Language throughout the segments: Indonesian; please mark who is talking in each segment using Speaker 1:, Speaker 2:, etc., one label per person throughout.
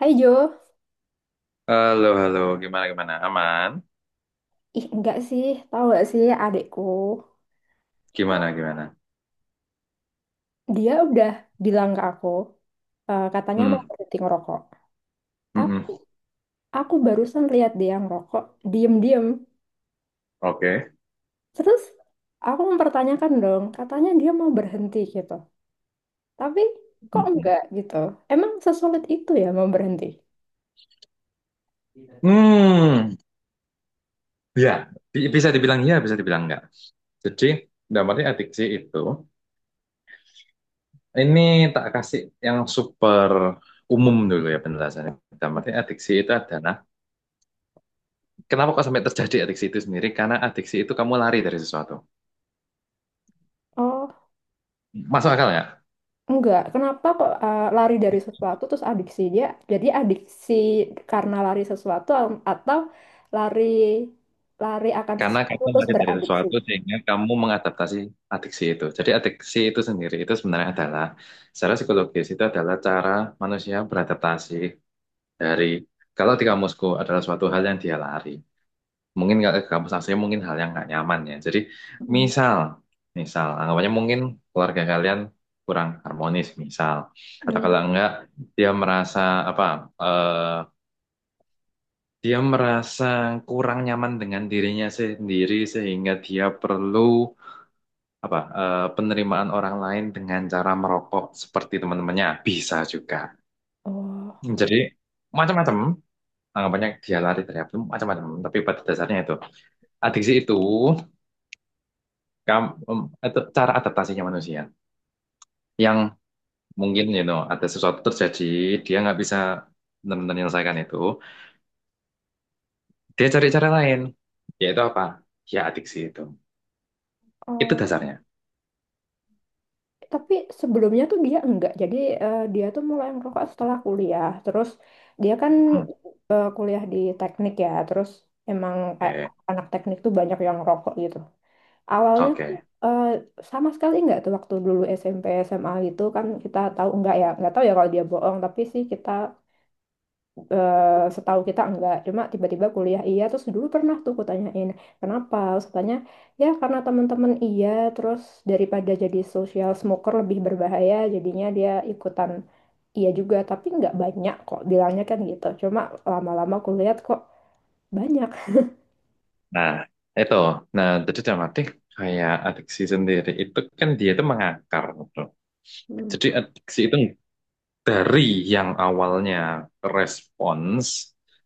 Speaker 1: Hai Jo,
Speaker 2: Halo, halo, gimana, gimana? Aman?
Speaker 1: ih enggak sih, tahu gak sih adikku,
Speaker 2: Gimana, gimana?
Speaker 1: dia udah bilang ke aku, katanya mau
Speaker 2: Hmm,
Speaker 1: berhenti ngerokok. Tapi
Speaker 2: mm-mm.
Speaker 1: aku barusan lihat dia ngerokok, diem-diem.
Speaker 2: Oke.
Speaker 1: Terus aku mempertanyakan dong, katanya dia mau berhenti gitu. Tapi kok
Speaker 2: Mm-mm.
Speaker 1: enggak gitu? Emang sesulit itu ya mau berhenti?
Speaker 2: Hmm, hmm. Ya, bisa dibilang ya, bisa dibilang enggak. Jadi, dalam arti adiksi itu, ini tak kasih yang super umum dulu ya penjelasannya. Dalam arti adiksi itu adalah, kenapa kok sampai terjadi adiksi itu sendiri? Karena adiksi itu kamu lari dari sesuatu.
Speaker 1: Oh.
Speaker 2: Masuk akal ya?
Speaker 1: Enggak, kenapa kok lari dari sesuatu terus adiksi dia? Jadi adiksi karena lari sesuatu atau lari lari akan
Speaker 2: Karena
Speaker 1: sesuatu
Speaker 2: kamu
Speaker 1: terus
Speaker 2: lari dari
Speaker 1: beradiksi.
Speaker 2: sesuatu sehingga kamu mengadaptasi adiksi itu. Jadi adiksi itu sendiri itu sebenarnya adalah secara psikologis itu adalah cara manusia beradaptasi dari kalau di kamusku adalah suatu hal yang dia lari. Mungkin nggak ke kampus asli mungkin hal yang nggak nyaman ya. Jadi
Speaker 1: Mm.
Speaker 2: misal, misal anggapannya mungkin keluarga kalian kurang harmonis misal atau
Speaker 1: Mm.
Speaker 2: kalau enggak dia merasa apa eh, dia merasa kurang nyaman dengan dirinya sendiri sehingga dia perlu apa eh, penerimaan orang lain dengan cara merokok seperti teman-temannya bisa juga.
Speaker 1: Oh,
Speaker 2: Jadi macam-macam anggapannya dia lari dari apa macam-macam. Tapi pada dasarnya itu adiksi itu, kam- em, itu cara adaptasinya manusia yang mungkin ada sesuatu terjadi dia nggak bisa benar-benar menyelesaikan itu. Dia cari cara lain yaitu apa? Ya adiksi itu. Itu
Speaker 1: oh.
Speaker 2: dasarnya.
Speaker 1: Tapi sebelumnya tuh dia enggak. Jadi dia tuh mulai merokok setelah kuliah. Terus dia kan
Speaker 2: Hmm.
Speaker 1: kuliah di teknik ya. Terus emang kayak
Speaker 2: Oke.
Speaker 1: anak teknik tuh banyak yang rokok gitu. Awalnya tuh,
Speaker 2: Oke.
Speaker 1: eh, sama sekali nggak tuh waktu dulu SMP SMA itu kan kita tahu enggak ya nggak tahu ya kalau dia bohong tapi sih kita eh, setahu kita enggak cuma tiba-tiba kuliah iya terus dulu pernah tuh kutanyain kenapa terus katanya ya karena teman-teman iya terus daripada jadi social smoker lebih berbahaya jadinya dia ikutan iya juga tapi nggak banyak kok bilangnya kan gitu cuma lama-lama kulihat kok banyak.
Speaker 2: Nah, itu. Nah, jadi dalam arti kayak adiksi sendiri itu kan dia itu mengakar gitu.
Speaker 1: Hmm.
Speaker 2: Jadi adiksi itu dari yang awalnya respons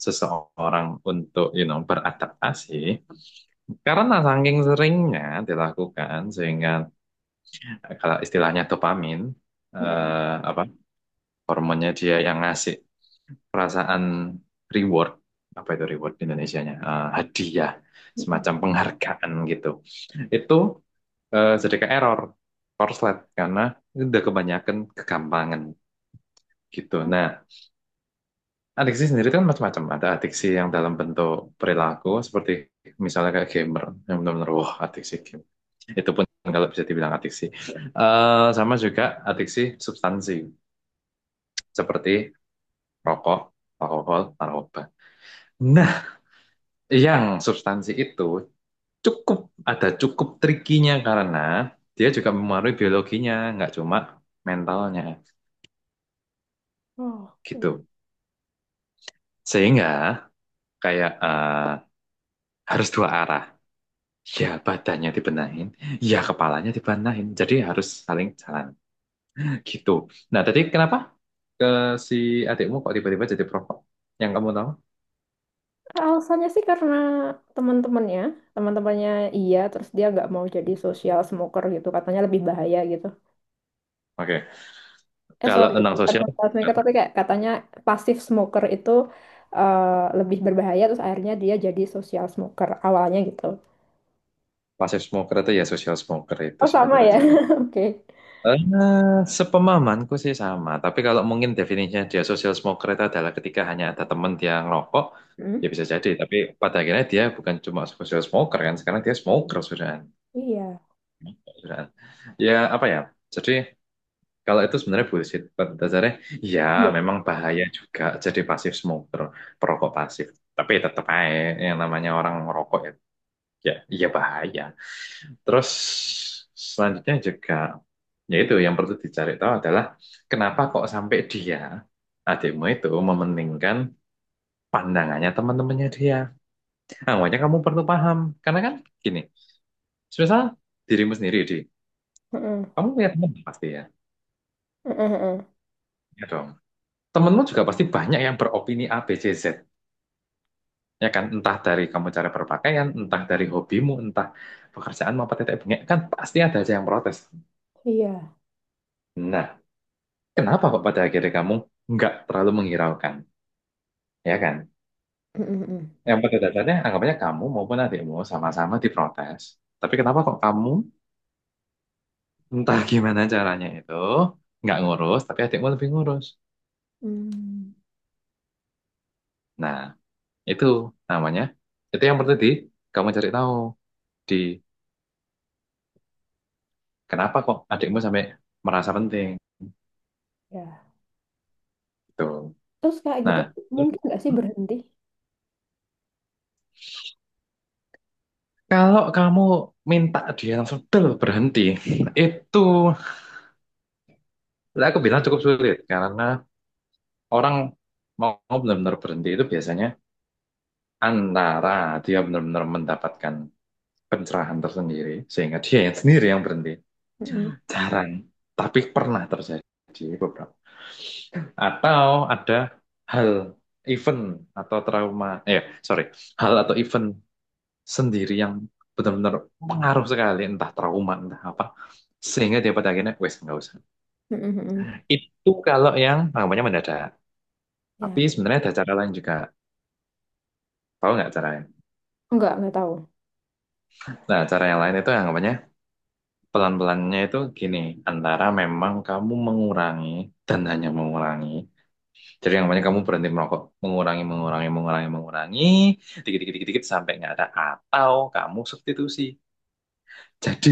Speaker 2: seseorang untuk beradaptasi karena saking seringnya dilakukan sehingga kalau istilahnya dopamin
Speaker 1: Mm.
Speaker 2: eh, apa hormonnya dia yang ngasih perasaan reward apa itu reward di Indonesianya? Eh, hadiah
Speaker 1: Mm-mm.
Speaker 2: semacam penghargaan gitu itu eh, sedikit error korslet karena udah kebanyakan kegampangan gitu. Nah, adiksi sendiri kan macam-macam. Ada adiksi yang dalam bentuk perilaku seperti misalnya kayak gamer yang benar-benar wah adiksi game. Itu pun kalau bisa dibilang adiksi. Eh, sama juga adiksi substansi seperti rokok, alkohol, narkoba. Nah, yang substansi itu cukup ada cukup trikinya karena dia juga mempengaruhi biologinya, nggak cuma mentalnya
Speaker 1: Oh, oke.
Speaker 2: gitu. Sehingga kayak eh, harus dua arah. Ya badannya dibenahin, ya kepalanya dibenahin. Jadi harus saling jalan gitu. Nah, tadi kenapa ke si adikmu kok tiba-tiba jadi perokok? Yang kamu tahu?
Speaker 1: Alasannya sih karena teman-temannya, teman-temannya iya, terus dia nggak mau jadi social smoker gitu, katanya lebih bahaya gitu.
Speaker 2: Oke,
Speaker 1: Eh
Speaker 2: kalau
Speaker 1: sorry,
Speaker 2: tentang
Speaker 1: bukan
Speaker 2: sosial,
Speaker 1: social smoker tapi kayak katanya pasif smoker itu, eh, lebih berbahaya, terus akhirnya dia jadi social smoker awalnya gitu.
Speaker 2: passive smoker itu ya social smoker itu
Speaker 1: Oh
Speaker 2: sih pada
Speaker 1: sama ya,
Speaker 2: dasarnya.
Speaker 1: oke.
Speaker 2: Eh, sepemahamanku sih sama, tapi kalau mungkin definisinya dia social smoker itu adalah ketika hanya ada teman dia ngerokok,
Speaker 1: Hmm.
Speaker 2: ya bisa jadi. Tapi pada akhirnya dia bukan cuma social smoker kan, sekarang dia smoker sudah.
Speaker 1: Iya.
Speaker 2: Sudah. Ya apa ya, jadi kalau itu sebenarnya bullshit. Pada dasarnya, ya
Speaker 1: Iya.
Speaker 2: memang bahaya juga jadi pasif smoker, perokok pasif. Tapi tetap aja yang namanya orang ngerokok ya, ya, ya bahaya. Terus selanjutnya juga yaitu yang perlu dicari tahu adalah kenapa kok sampai dia adikmu itu mementingkan pandangannya teman-temannya dia. Nah, makanya kamu perlu paham karena kan gini, misal dirimu sendiri di
Speaker 1: Mm-mm.
Speaker 2: kamu punya teman pasti ya,
Speaker 1: Mm-mm, mm-mm.
Speaker 2: ya dong. Temenmu juga pasti banyak yang beropini A, B, C, Z. Ya kan, entah dari kamu cara berpakaian, entah dari hobimu, entah pekerjaan maupun tetek bengek, kan pasti ada aja yang protes.
Speaker 1: Iya.
Speaker 2: Nah, kenapa kok pada akhirnya kamu nggak terlalu menghiraukan? Ya kan?
Speaker 1: Mm-mm, mm-mm.
Speaker 2: Yang pada dasarnya anggapannya kamu maupun adikmu sama-sama diprotes. Tapi kenapa kok kamu entah gimana caranya itu nggak ngurus, tapi adikmu lebih ngurus.
Speaker 1: Hmm.
Speaker 2: Nah, itu namanya. Itu yang perlu di kamu cari tahu di kenapa kok adikmu sampai merasa penting
Speaker 1: Ya.
Speaker 2: gitu.
Speaker 1: Terus kayak gitu
Speaker 2: Nah,
Speaker 1: tuh
Speaker 2: terus
Speaker 1: mungkin nggak sih berhenti?
Speaker 2: kalau kamu minta dia langsung, "Del, berhenti," itu lah aku bilang cukup sulit karena orang mau benar-benar berhenti itu biasanya antara dia benar-benar mendapatkan pencerahan tersendiri sehingga dia yang sendiri yang berhenti,
Speaker 1: Mm-mm.
Speaker 2: jarang tapi pernah terjadi beberapa, atau ada hal, event atau trauma, eh sorry, hal atau event sendiri yang benar-benar pengaruh sekali, entah trauma entah apa, sehingga dia pada akhirnya wes nggak usah.
Speaker 1: Mm-mm, mm-mm.
Speaker 2: Itu kalau yang anggapannya mendadak, tapi
Speaker 1: Ya.
Speaker 2: sebenarnya ada cara lain juga. Tahu nggak cara lain?
Speaker 1: Nggak tahu.
Speaker 2: Nah, cara yang lain itu anggapannya pelan-pelannya itu gini, antara memang kamu mengurangi dan hanya mengurangi. Jadi yang namanya kamu berhenti merokok, mengurangi, mengurangi, mengurangi, mengurangi, dikit, dikit, dikit, dikit sampai nggak ada. Atau kamu substitusi. Jadi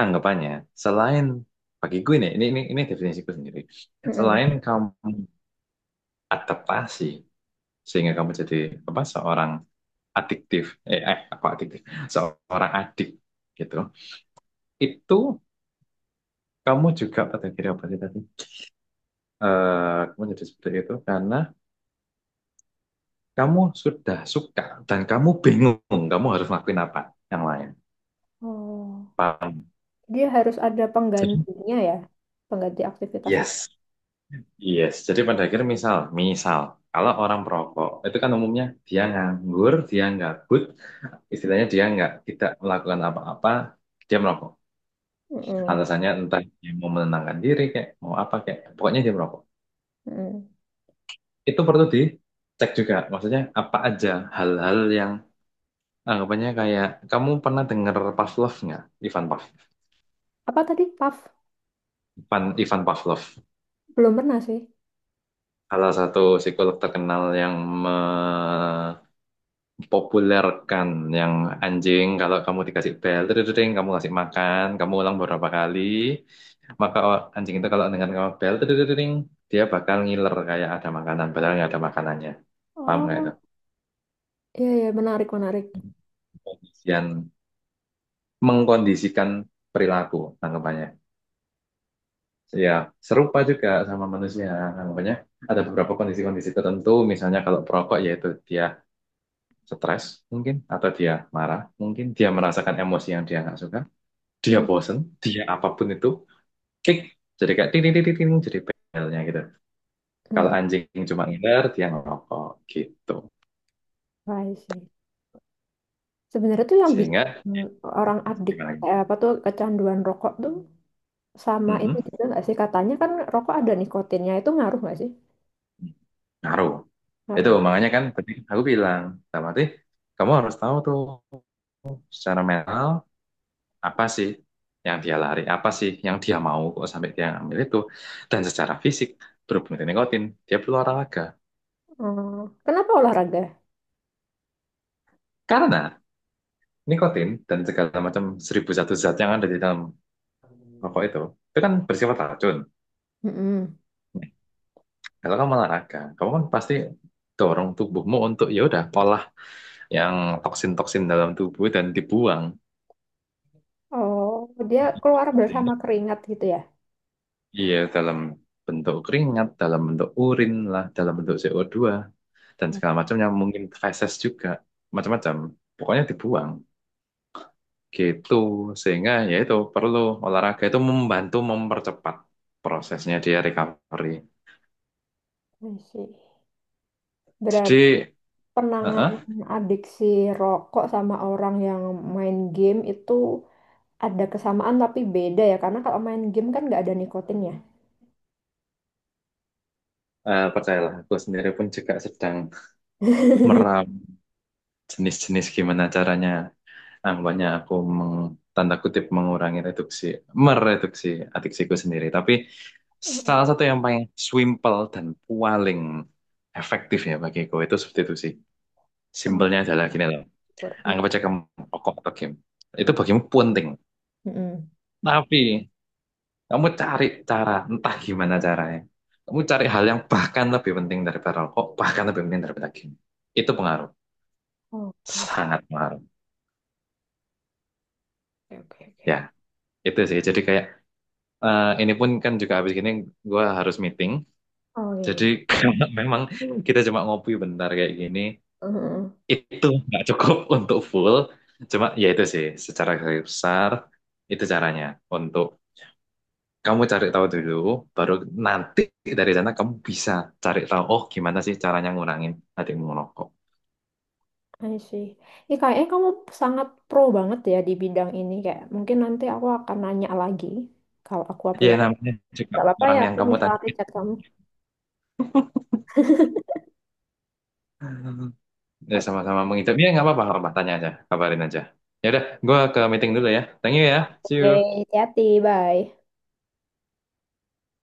Speaker 2: anggapannya selain bagi gue nih, ini definisiku sendiri.
Speaker 1: Mm-mm.
Speaker 2: Selain kamu adaptasi sehingga kamu jadi apa seorang adiktif, eh, eh apa adiktif, seorang adik gitu. Itu kamu juga pada diri apa sih tadi? Eh kamu jadi seperti itu karena kamu sudah suka dan kamu bingung kamu harus ngelakuin apa yang lain.
Speaker 1: Oh,
Speaker 2: Paham?
Speaker 1: dia harus ada
Speaker 2: Jadi,
Speaker 1: penggantinya ya, pengganti aktivitas itu.
Speaker 2: yes, yes. Jadi pada akhirnya misal, misal kalau orang perokok itu kan umumnya dia nganggur, dia gabut, istilahnya dia nggak tidak melakukan apa-apa, dia merokok.
Speaker 1: Mm-mm,
Speaker 2: Alasannya entah dia mau menenangkan diri kayak mau apa kayak, pokoknya dia merokok.
Speaker 1: mm-mm.
Speaker 2: Itu perlu dicek juga, maksudnya apa aja hal-hal yang anggapannya. Kayak kamu pernah dengar Pavlov nggak? Ivan Pav
Speaker 1: Apa tadi? PAF?
Speaker 2: Ivan, Ivan Pavlov,
Speaker 1: Belum pernah sih.
Speaker 2: salah satu psikolog terkenal yang mempopulerkan yang anjing kalau kamu dikasih bel, dring, kamu kasih makan, kamu ulang beberapa kali, maka anjing itu kalau dengar kamu bel, dring, dia bakal ngiler kayak ada makanan, padahal nggak ada makanannya. Paham nggak itu?
Speaker 1: Oh, iya iya, menarik, menarik.
Speaker 2: Pengkondisian, mengkondisikan perilaku, anggapannya ya serupa juga sama manusia. Nah, makanya ada beberapa kondisi-kondisi tertentu, misalnya kalau perokok yaitu dia stres mungkin, atau dia marah mungkin, dia merasakan emosi yang dia nggak suka, dia
Speaker 1: Hmm,
Speaker 2: bosen, dia apapun itu, kick, jadi kayak ting ting ting ting, ting, jadi pelnya gitu. Kalau
Speaker 1: hmm,
Speaker 2: anjing cuma ngiler, dia ngerokok gitu.
Speaker 1: I see. Sebenarnya tuh yang bikin
Speaker 2: Sehingga
Speaker 1: orang adik
Speaker 2: gimana? Lagi?
Speaker 1: apa tuh, kecanduan rokok tuh sama ini
Speaker 2: Mm-mm.
Speaker 1: juga nggak sih? Katanya kan rokok ada nikotinnya, itu ngaruh nggak sih?
Speaker 2: Ngaruh.
Speaker 1: Ngaruh,
Speaker 2: Itu
Speaker 1: ya?
Speaker 2: makanya kan tadi aku bilang, sama kamu harus tahu tuh secara mental apa sih yang dia lari, apa sih yang dia mau kok sampai dia ngambil itu. Dan secara fisik, berhubung dengan nikotin, dia perlu olahraga.
Speaker 1: Oh, kenapa olahraga?
Speaker 2: Karena nikotin dan segala macam seribu satu zat yang ada di dalam rokok itu kan bersifat racun.
Speaker 1: Mm-mm.
Speaker 2: Nah, kalau kamu olahraga, kamu kan pasti dorong tubuhmu untuk ya udah olah yang toksin-toksin dalam tubuh dan dibuang.
Speaker 1: Oh, dia keluar bersama keringat gitu ya?
Speaker 2: Iya, dalam bentuk keringat, dalam bentuk urin lah, dalam bentuk CO2, dan
Speaker 1: Ya,
Speaker 2: segala macam yang mungkin feses juga, macam-macam. Pokoknya dibuang, gitu. Sehingga ya itu perlu, olahraga itu membantu mempercepat prosesnya dia recovery.
Speaker 1: I see.
Speaker 2: Jadi,
Speaker 1: Penanganan
Speaker 2: uh-uh,
Speaker 1: adiksi rokok sama orang yang main game itu ada kesamaan tapi beda ya, karena kalau main game kan nggak ada nikotinnya.
Speaker 2: eh, percayalah, aku sendiri pun juga sedang meram jenis-jenis gimana caranya. Nah, aku meng, tanda kutip mengurangi reduksi, mereduksi adiksiku sendiri. Tapi
Speaker 1: Mm.
Speaker 2: salah satu yang paling simple dan paling efektif ya bagiku itu substitusi.
Speaker 1: Oh,
Speaker 2: Simpelnya adalah gini loh.
Speaker 1: berarti.
Speaker 2: Anggap aja kamu rokok atau game. Itu
Speaker 1: Mm.
Speaker 2: bagimu penting.
Speaker 1: Mm.
Speaker 2: Tapi kamu cari cara, entah gimana caranya. Kamu cari hal yang bahkan lebih penting daripada rokok, bahkan lebih penting daripada game. Itu pengaruh.
Speaker 1: Oke,
Speaker 2: Sangat pengaruh.
Speaker 1: oke, oke. Oke.
Speaker 2: Ya, itu sih. Jadi kayak eh, ini pun kan juga habis gini gue harus meeting.
Speaker 1: Oh iya.
Speaker 2: Jadi
Speaker 1: Iya.
Speaker 2: kalau memang kita cuma ngopi bentar kayak gini,
Speaker 1: Mm-mm.
Speaker 2: itu nggak cukup untuk full. Cuma ya itu sih, secara garis besar itu caranya, untuk kamu cari tahu dulu, baru nanti dari sana kamu bisa cari tahu, oh gimana sih caranya ngurangin adikmu merokok.
Speaker 1: I see. Ini kayaknya kamu sangat pro banget ya di bidang ini, kayak mungkin nanti aku akan nanya lagi kalau aku
Speaker 2: Ya
Speaker 1: punya,
Speaker 2: namanya juga
Speaker 1: nggak apa-apa ya
Speaker 2: orang yang
Speaker 1: aku
Speaker 2: kamu tanya.
Speaker 1: misalnya chat kamu.
Speaker 2: Ya sama-sama mengidap. Ya nggak apa-apa, nggak apa-apa. Tanya aja, kabarin aja. Ya udah, gue ke meeting dulu ya. Thank you ya. See
Speaker 1: Oke,
Speaker 2: you.
Speaker 1: hati-hati, bye.